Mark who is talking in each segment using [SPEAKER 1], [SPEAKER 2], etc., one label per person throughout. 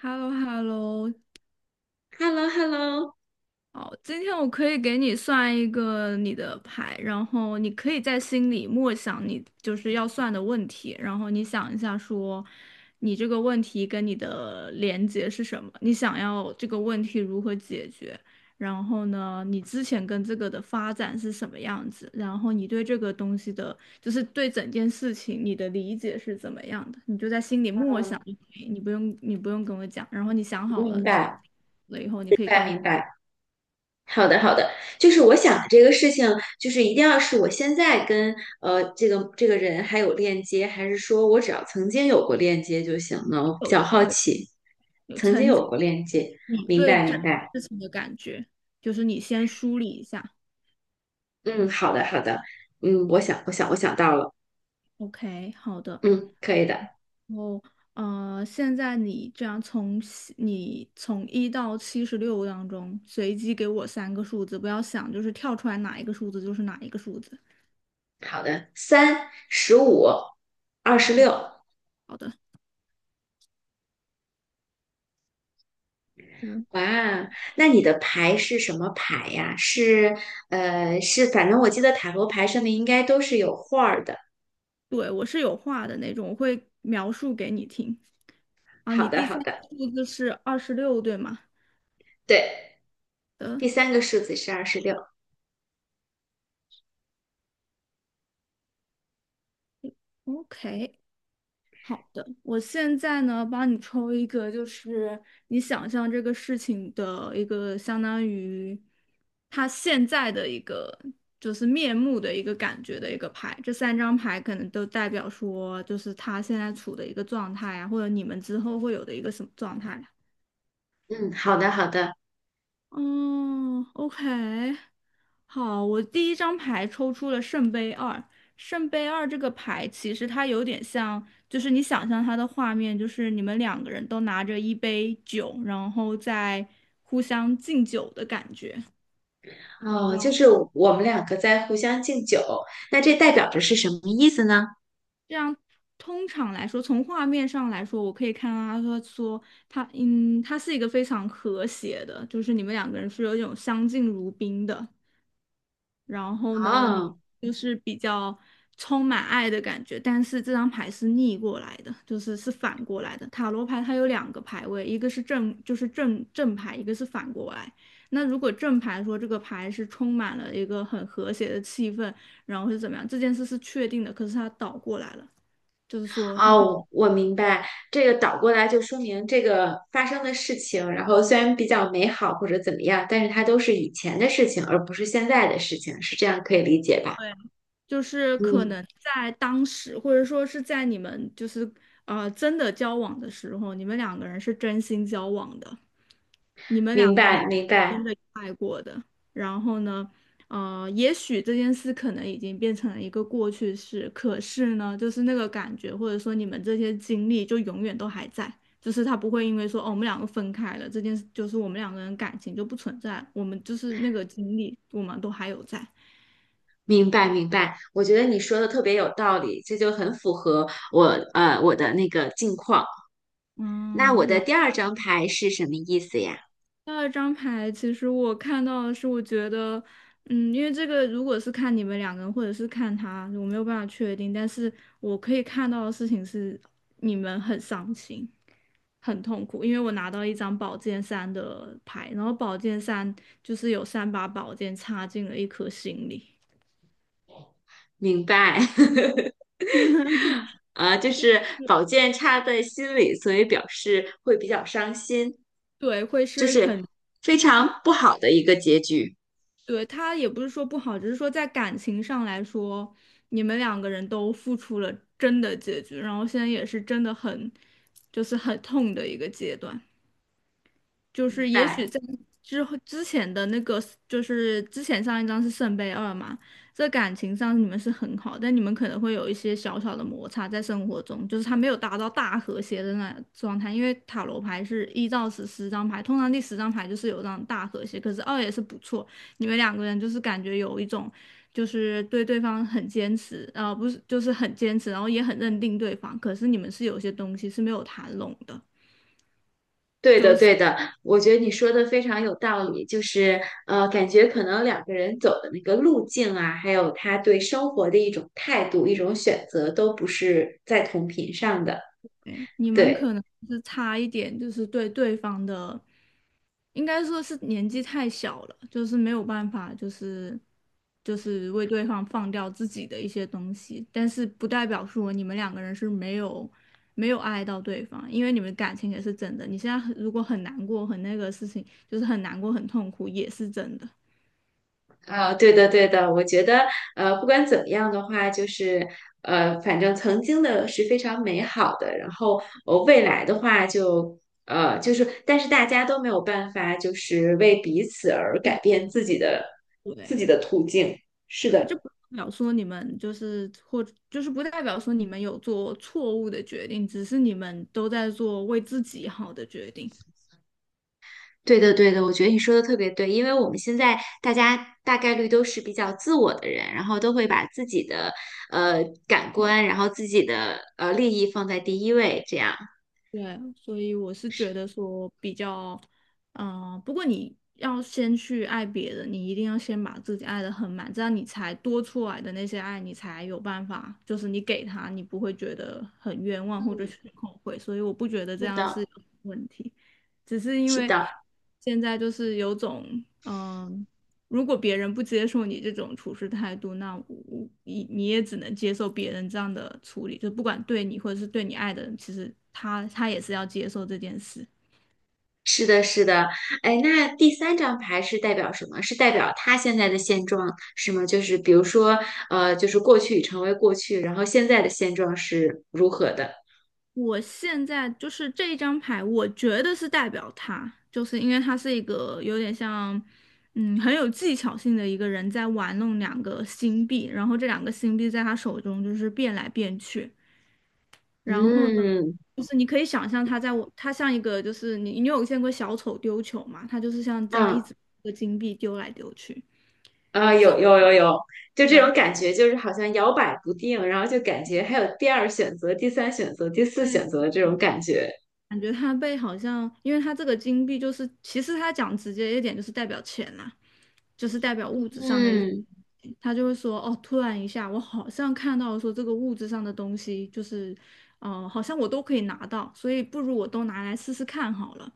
[SPEAKER 1] h e l l o h e l l o
[SPEAKER 2] h e l l o h e l l o
[SPEAKER 1] 好，今天我可以给你算一个你的牌，然后你可以在心里默想你就是要算的问题，然后你想一下说，你这个问题跟你的连接是什么？你想要这个问题如何解决？然后呢，你之前跟这个的发展是什么样子？然后你对这个东西的，就是对整件事情你的理解是怎么样的？你就在心里默想就可以，你不用跟我讲。然后你想好了
[SPEAKER 2] 明白，
[SPEAKER 1] 了以后，你
[SPEAKER 2] 明
[SPEAKER 1] 可以告
[SPEAKER 2] 白，
[SPEAKER 1] 诉。
[SPEAKER 2] 明白。好的，好的，就是我想的这个事情，就是一定要是我现在跟这个人还有链接，还是说我只要曾经有过链接就行呢？我比
[SPEAKER 1] 有
[SPEAKER 2] 较好
[SPEAKER 1] 对，
[SPEAKER 2] 奇，
[SPEAKER 1] 有
[SPEAKER 2] 曾经
[SPEAKER 1] 曾
[SPEAKER 2] 有
[SPEAKER 1] 经
[SPEAKER 2] 过链接，
[SPEAKER 1] 你
[SPEAKER 2] 明
[SPEAKER 1] 对
[SPEAKER 2] 白，
[SPEAKER 1] 这
[SPEAKER 2] 明白。
[SPEAKER 1] 事情的感觉，就是你先梳理一下。
[SPEAKER 2] 嗯，好的，好的。嗯，我想到了。
[SPEAKER 1] OK，好的。
[SPEAKER 2] 嗯，可以的。
[SPEAKER 1] 然后现在你这样你从一到76当中随机给我三个数字，不要想就是跳出来哪一个数字就是哪一个数字。
[SPEAKER 2] 好的，35，二十
[SPEAKER 1] 哦，
[SPEAKER 2] 六。
[SPEAKER 1] 好的。嗯，
[SPEAKER 2] 哇，那你的牌是什么牌呀？是，反正我记得塔罗牌上面应该都是有画儿的。
[SPEAKER 1] 对，我是有话的那种，我会描述给你听。啊，
[SPEAKER 2] 好
[SPEAKER 1] 你
[SPEAKER 2] 的，
[SPEAKER 1] 第
[SPEAKER 2] 好
[SPEAKER 1] 三
[SPEAKER 2] 的，
[SPEAKER 1] 个数字是26，对吗？
[SPEAKER 2] 对，
[SPEAKER 1] 的
[SPEAKER 2] 第三个数字是二十六。
[SPEAKER 1] ，OK。好的，我现在呢，帮你抽一个，就是你想象这个事情的一个相当于他现在的一个就是面目的一个感觉的一个牌。这三张牌可能都代表说，就是他现在处的一个状态啊，或者你们之后会有的一个什么状态。
[SPEAKER 2] 嗯，好的，好的。
[SPEAKER 1] 哦，OK，好，我第一张牌抽出了圣杯二。圣杯二这个牌其实它有点像，就是你想象它的画面，就是你们两个人都拿着一杯酒，然后在互相敬酒的感觉。
[SPEAKER 2] 哦，就
[SPEAKER 1] 哇，
[SPEAKER 2] 是我们两个在互相敬酒，那这代表着是什么意思呢？
[SPEAKER 1] 这样通常来说，从画面上来说，我可以看到他说他，嗯，他是一个非常和谐的，就是你们两个人是有一种相敬如宾的。然后呢，你
[SPEAKER 2] 哦，
[SPEAKER 1] 就是比较充满爱的感觉，但是这张牌是逆过来的，就是是反过来的。塔罗牌它有两个牌位，一个是正，就是正牌，一个是反过来。那如果正牌说这个牌是充满了一个很和谐的气氛，然后是怎么样，这件事是确定的，可是它倒过来了，就是说它可能。
[SPEAKER 2] 哦，我明白，这个倒过来就说明这个发生的事情，然后虽然比较美好或者怎么样，但是它都是以前的事情，而不是现在的事情，是这样可以理解吧？
[SPEAKER 1] 对，就是可
[SPEAKER 2] 嗯。
[SPEAKER 1] 能在当时，或者说是在你们就是真的交往的时候，你们两个人是真心交往的。你们
[SPEAKER 2] 明
[SPEAKER 1] 两个人是
[SPEAKER 2] 白，明白，
[SPEAKER 1] 真的爱过的。然后呢，也许这件事可能已经变成了一个过去式，可是呢，就是那个感觉，或者说你们这些经历，就永远都还在。就是他不会因为说，哦，我们两个分开了，这件事就是我们两个人感情就不存在了我们就是那个经历，我们都还有在。
[SPEAKER 2] 明白，明白。我觉得你说的特别有道理，这就很符合我我的那个境况。那
[SPEAKER 1] 嗯，
[SPEAKER 2] 我的
[SPEAKER 1] 然
[SPEAKER 2] 第二张牌是什么意思呀？
[SPEAKER 1] 第二张牌，其实我看到的是，我觉得，嗯，因为这个如果是看你们两个人，或者是看他，我没有办法确定，但是我可以看到的事情是，你们很伤心，很痛苦，因为我拿到一张宝剑三的牌，然后宝剑三就是有三把宝剑插进了一颗心里，
[SPEAKER 2] 明白，啊，就是宝剑插在心里，所以表示会比较伤心，
[SPEAKER 1] 对，会
[SPEAKER 2] 就
[SPEAKER 1] 是
[SPEAKER 2] 是
[SPEAKER 1] 很
[SPEAKER 2] 非常不好的一个结局。
[SPEAKER 1] 对，他也不是说不好，只是说在感情上来说，你们两个人都付出了真的结局，然后现在也是真的很，就是很痛的一个阶段。就是
[SPEAKER 2] 明
[SPEAKER 1] 也
[SPEAKER 2] 白。
[SPEAKER 1] 许在之后之前的那个，就是之前上一张是圣杯二嘛，在感情上你们是很好，但你们可能会有一些小小的摩擦在生活中，就是他没有达到大和谐的那状态，因为塔罗牌是一到十十张牌，通常第十张牌就是有这种大和谐，可是二也是不错，你们两个人就是感觉有一种。就是对对方很坚持，不是，就是很坚持，然后也很认定对方，可是你们是有些东西是没有谈拢的。
[SPEAKER 2] 对的，对的，我觉得你说的非常有道理，就是感觉可能两个人走的那个路径啊，还有他对生活的一种态度、一种选择，都不是在同频上的。
[SPEAKER 1] 对，你们
[SPEAKER 2] 对，
[SPEAKER 1] 可能是差一点，就是对对方的，应该说是年纪太小了，就是没有办法，就是为对方放掉自己的一些东西，但是不代表说你们两个人是没有爱到对方，因为你们感情也是真的。你现在很如果很难过，很那个事情，就是很难过很痛苦，也是真的。
[SPEAKER 2] 啊、对的，对的，我觉得不管怎么样的话，就是反正曾经的是非常美好的，然后未来的话就就是但是大家都没有办法，就是为彼此而改
[SPEAKER 1] 对，
[SPEAKER 2] 变自己的自
[SPEAKER 1] 对
[SPEAKER 2] 己的途径。是
[SPEAKER 1] 对，这
[SPEAKER 2] 的。
[SPEAKER 1] 不代表说你们就是或就是不代表说你们有做错误的决定，只是你们都在做为自己好的决定。
[SPEAKER 2] 对的，对的，我觉得你说的特别对，因为我们现在大家大概率都是比较自我的人，然后都会把自己的感官，然后自己的利益放在第一位，这样。
[SPEAKER 1] 对，所以我是觉得说比较，不过你要先去爱别人，你一定要先把自己爱得很满，这样你才多出来的那些爱，你才有办法，就是你给他，你不会觉得很冤枉或者
[SPEAKER 2] 嗯，
[SPEAKER 1] 是很后悔。所以我不觉得这
[SPEAKER 2] 是
[SPEAKER 1] 样是
[SPEAKER 2] 的，
[SPEAKER 1] 有问题，只是因
[SPEAKER 2] 是
[SPEAKER 1] 为
[SPEAKER 2] 的，
[SPEAKER 1] 现在就是有种，嗯、如果别人不接受你这种处事态度，那你也只能接受别人这样的处理，就不管对你或者是对你爱的人，其实他也是要接受这件事。
[SPEAKER 2] 是的，是的。哎，那第三张牌是代表什么？是代表他现在的现状是吗？就是比如说，就是过去已成为过去，然后现在的现状是如何的？
[SPEAKER 1] 我现在就是这一张牌，我觉得是代表他，就是因为他是一个有点像，嗯，很有技巧性的一个人在玩弄两个星币，然后这两个星币在他手中就是变来变去。然后呢，
[SPEAKER 2] 嗯，
[SPEAKER 1] 就是你可以想象它在我，它像一个就是你有见过小丑丢球吗？它就是像这样一
[SPEAKER 2] 嗯，
[SPEAKER 1] 直一个金币丢来丢去。
[SPEAKER 2] 啊，有有有有，就这
[SPEAKER 1] 对，
[SPEAKER 2] 种感觉，就是好像摇摆不定，然后就感觉还有第二选择、第三选择、第四
[SPEAKER 1] 对，
[SPEAKER 2] 选择的这种感觉。
[SPEAKER 1] 感觉它被好像，因为它这个金币就是，其实它讲直接一点就是代表钱啦、就是代表物质上的一些东
[SPEAKER 2] 嗯，
[SPEAKER 1] 西。他就会说，哦，突然一下，我好像看到说这个物质上的东西，就是，好像我都可以拿到，所以不如我都拿来试试看好了。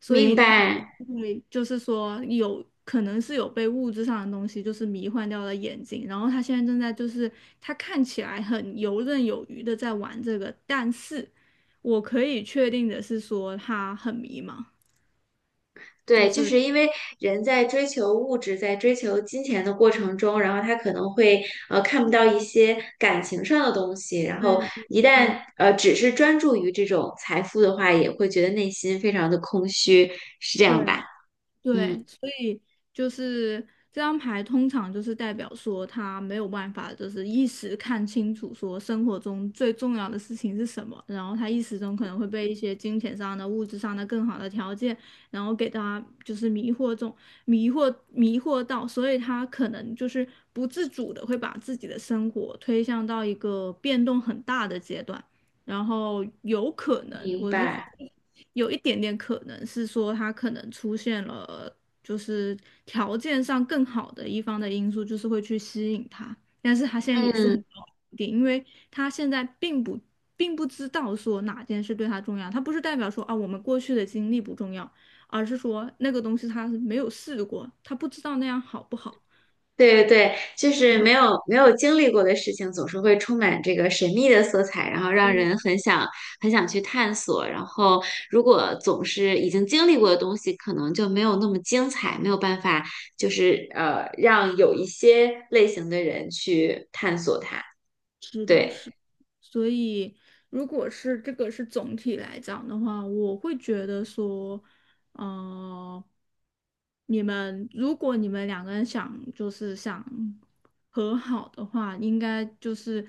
[SPEAKER 1] 所
[SPEAKER 2] 明
[SPEAKER 1] 以他
[SPEAKER 2] 白。
[SPEAKER 1] 会就是说有可能是有被物质上的东西就是迷幻掉了眼睛，然后他现在正在就是他看起来很游刃有余的在玩这个，但是我可以确定的是说他很迷茫。
[SPEAKER 2] 对，就是因为人在追求物质、在追求金钱的过程中，然后他可能会看不到一些感情上的东西，然后
[SPEAKER 1] 对
[SPEAKER 2] 一旦
[SPEAKER 1] 对
[SPEAKER 2] 只是专注于这种财富的话，也会觉得内心非常的空虚，是这样吧？
[SPEAKER 1] 对。对，
[SPEAKER 2] 嗯，
[SPEAKER 1] 所以就是这张牌通常就是代表说他没有办法，就是一时看清楚说生活中最重要的事情是什么，然后他一时中可能会被一些金钱上的、物质上的更好的条件，然后给他就是迷惑中迷惑迷惑到，所以他可能就是不自主的会把自己的生活推向到一个变动很大的阶段。然后有可能，
[SPEAKER 2] 明
[SPEAKER 1] 我是说
[SPEAKER 2] 白。
[SPEAKER 1] 有一点点可能是说他可能出现了，就是条件上更好的一方的因素，就是会去吸引他，但是他现在也是很
[SPEAKER 2] 嗯，
[SPEAKER 1] 高点，因为他现在并不知道说哪件事对他重要，他不是代表说啊我们过去的经历不重要，而是说那个东西他是没有试过，他不知道那样好不好。
[SPEAKER 2] 对对，对，就是没有经历过的事情，总是会充满这个神秘的色彩，然后让人很想很想去探索。然后，如果总是已经经历过的东西，可能就没有那么精彩，没有办法，就是让有一些类型的人去探索它。
[SPEAKER 1] 是的，
[SPEAKER 2] 对，
[SPEAKER 1] 是，所以如果是这个是总体来讲的话，我会觉得说，呃，如果你们两个人想就是想和好的话，应该就是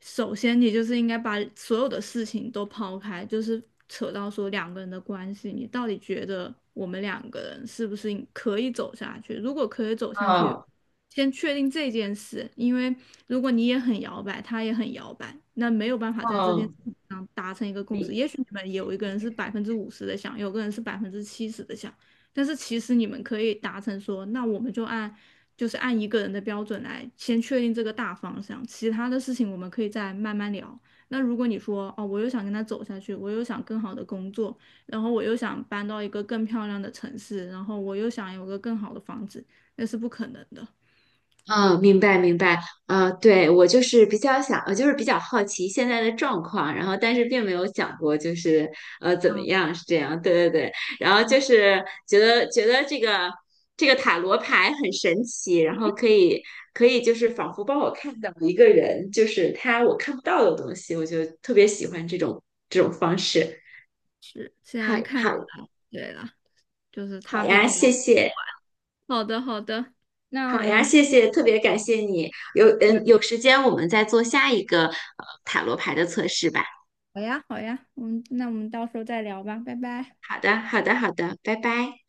[SPEAKER 1] 首先你就是应该把所有的事情都抛开，就是扯到说两个人的关系，你到底觉得我们两个人是不是可以走下去？如果可以走下去，
[SPEAKER 2] 嗯
[SPEAKER 1] 先确定这件事，因为如果你也很摇摆，他也很摇摆，那没有办法在这件事
[SPEAKER 2] 嗯。
[SPEAKER 1] 情上达成一个共识。也许你们有一个人是50%的想，有个人是70%的想，但是其实你们可以达成说，那我们就按就是按一个人的标准来先确定这个大方向，其他的事情我们可以再慢慢聊。那如果你说哦，我又想跟他走下去，我又想更好的工作，然后我又想搬到一个更漂亮的城市，然后我又想有个更好的房子，那是不可能的。
[SPEAKER 2] 嗯，明白明白，对，我就是比较想，就是比较好奇现在的状况，然后但是并没有想过就是怎么
[SPEAKER 1] 啊，
[SPEAKER 2] 样是这样，对对对，然后就是觉得这个塔罗牌很神奇，然后可以就是仿佛帮我看到一个人，就是他我看不到的东西，我就特别喜
[SPEAKER 1] 是
[SPEAKER 2] 欢这种方式。
[SPEAKER 1] 是，现
[SPEAKER 2] 好
[SPEAKER 1] 在看起
[SPEAKER 2] 好
[SPEAKER 1] 来，对了，就是他
[SPEAKER 2] 好
[SPEAKER 1] 比
[SPEAKER 2] 呀，
[SPEAKER 1] 较
[SPEAKER 2] 谢谢。
[SPEAKER 1] 好的，好的，那
[SPEAKER 2] 好
[SPEAKER 1] 我
[SPEAKER 2] 呀，
[SPEAKER 1] 们
[SPEAKER 2] 谢谢，特别感谢你。有
[SPEAKER 1] 对，
[SPEAKER 2] 嗯，有时间我们再做下一个塔罗牌的测试吧。
[SPEAKER 1] 好呀，好呀，嗯，那我们到时候再聊吧，拜拜。
[SPEAKER 2] 好的，好的，好的，拜拜。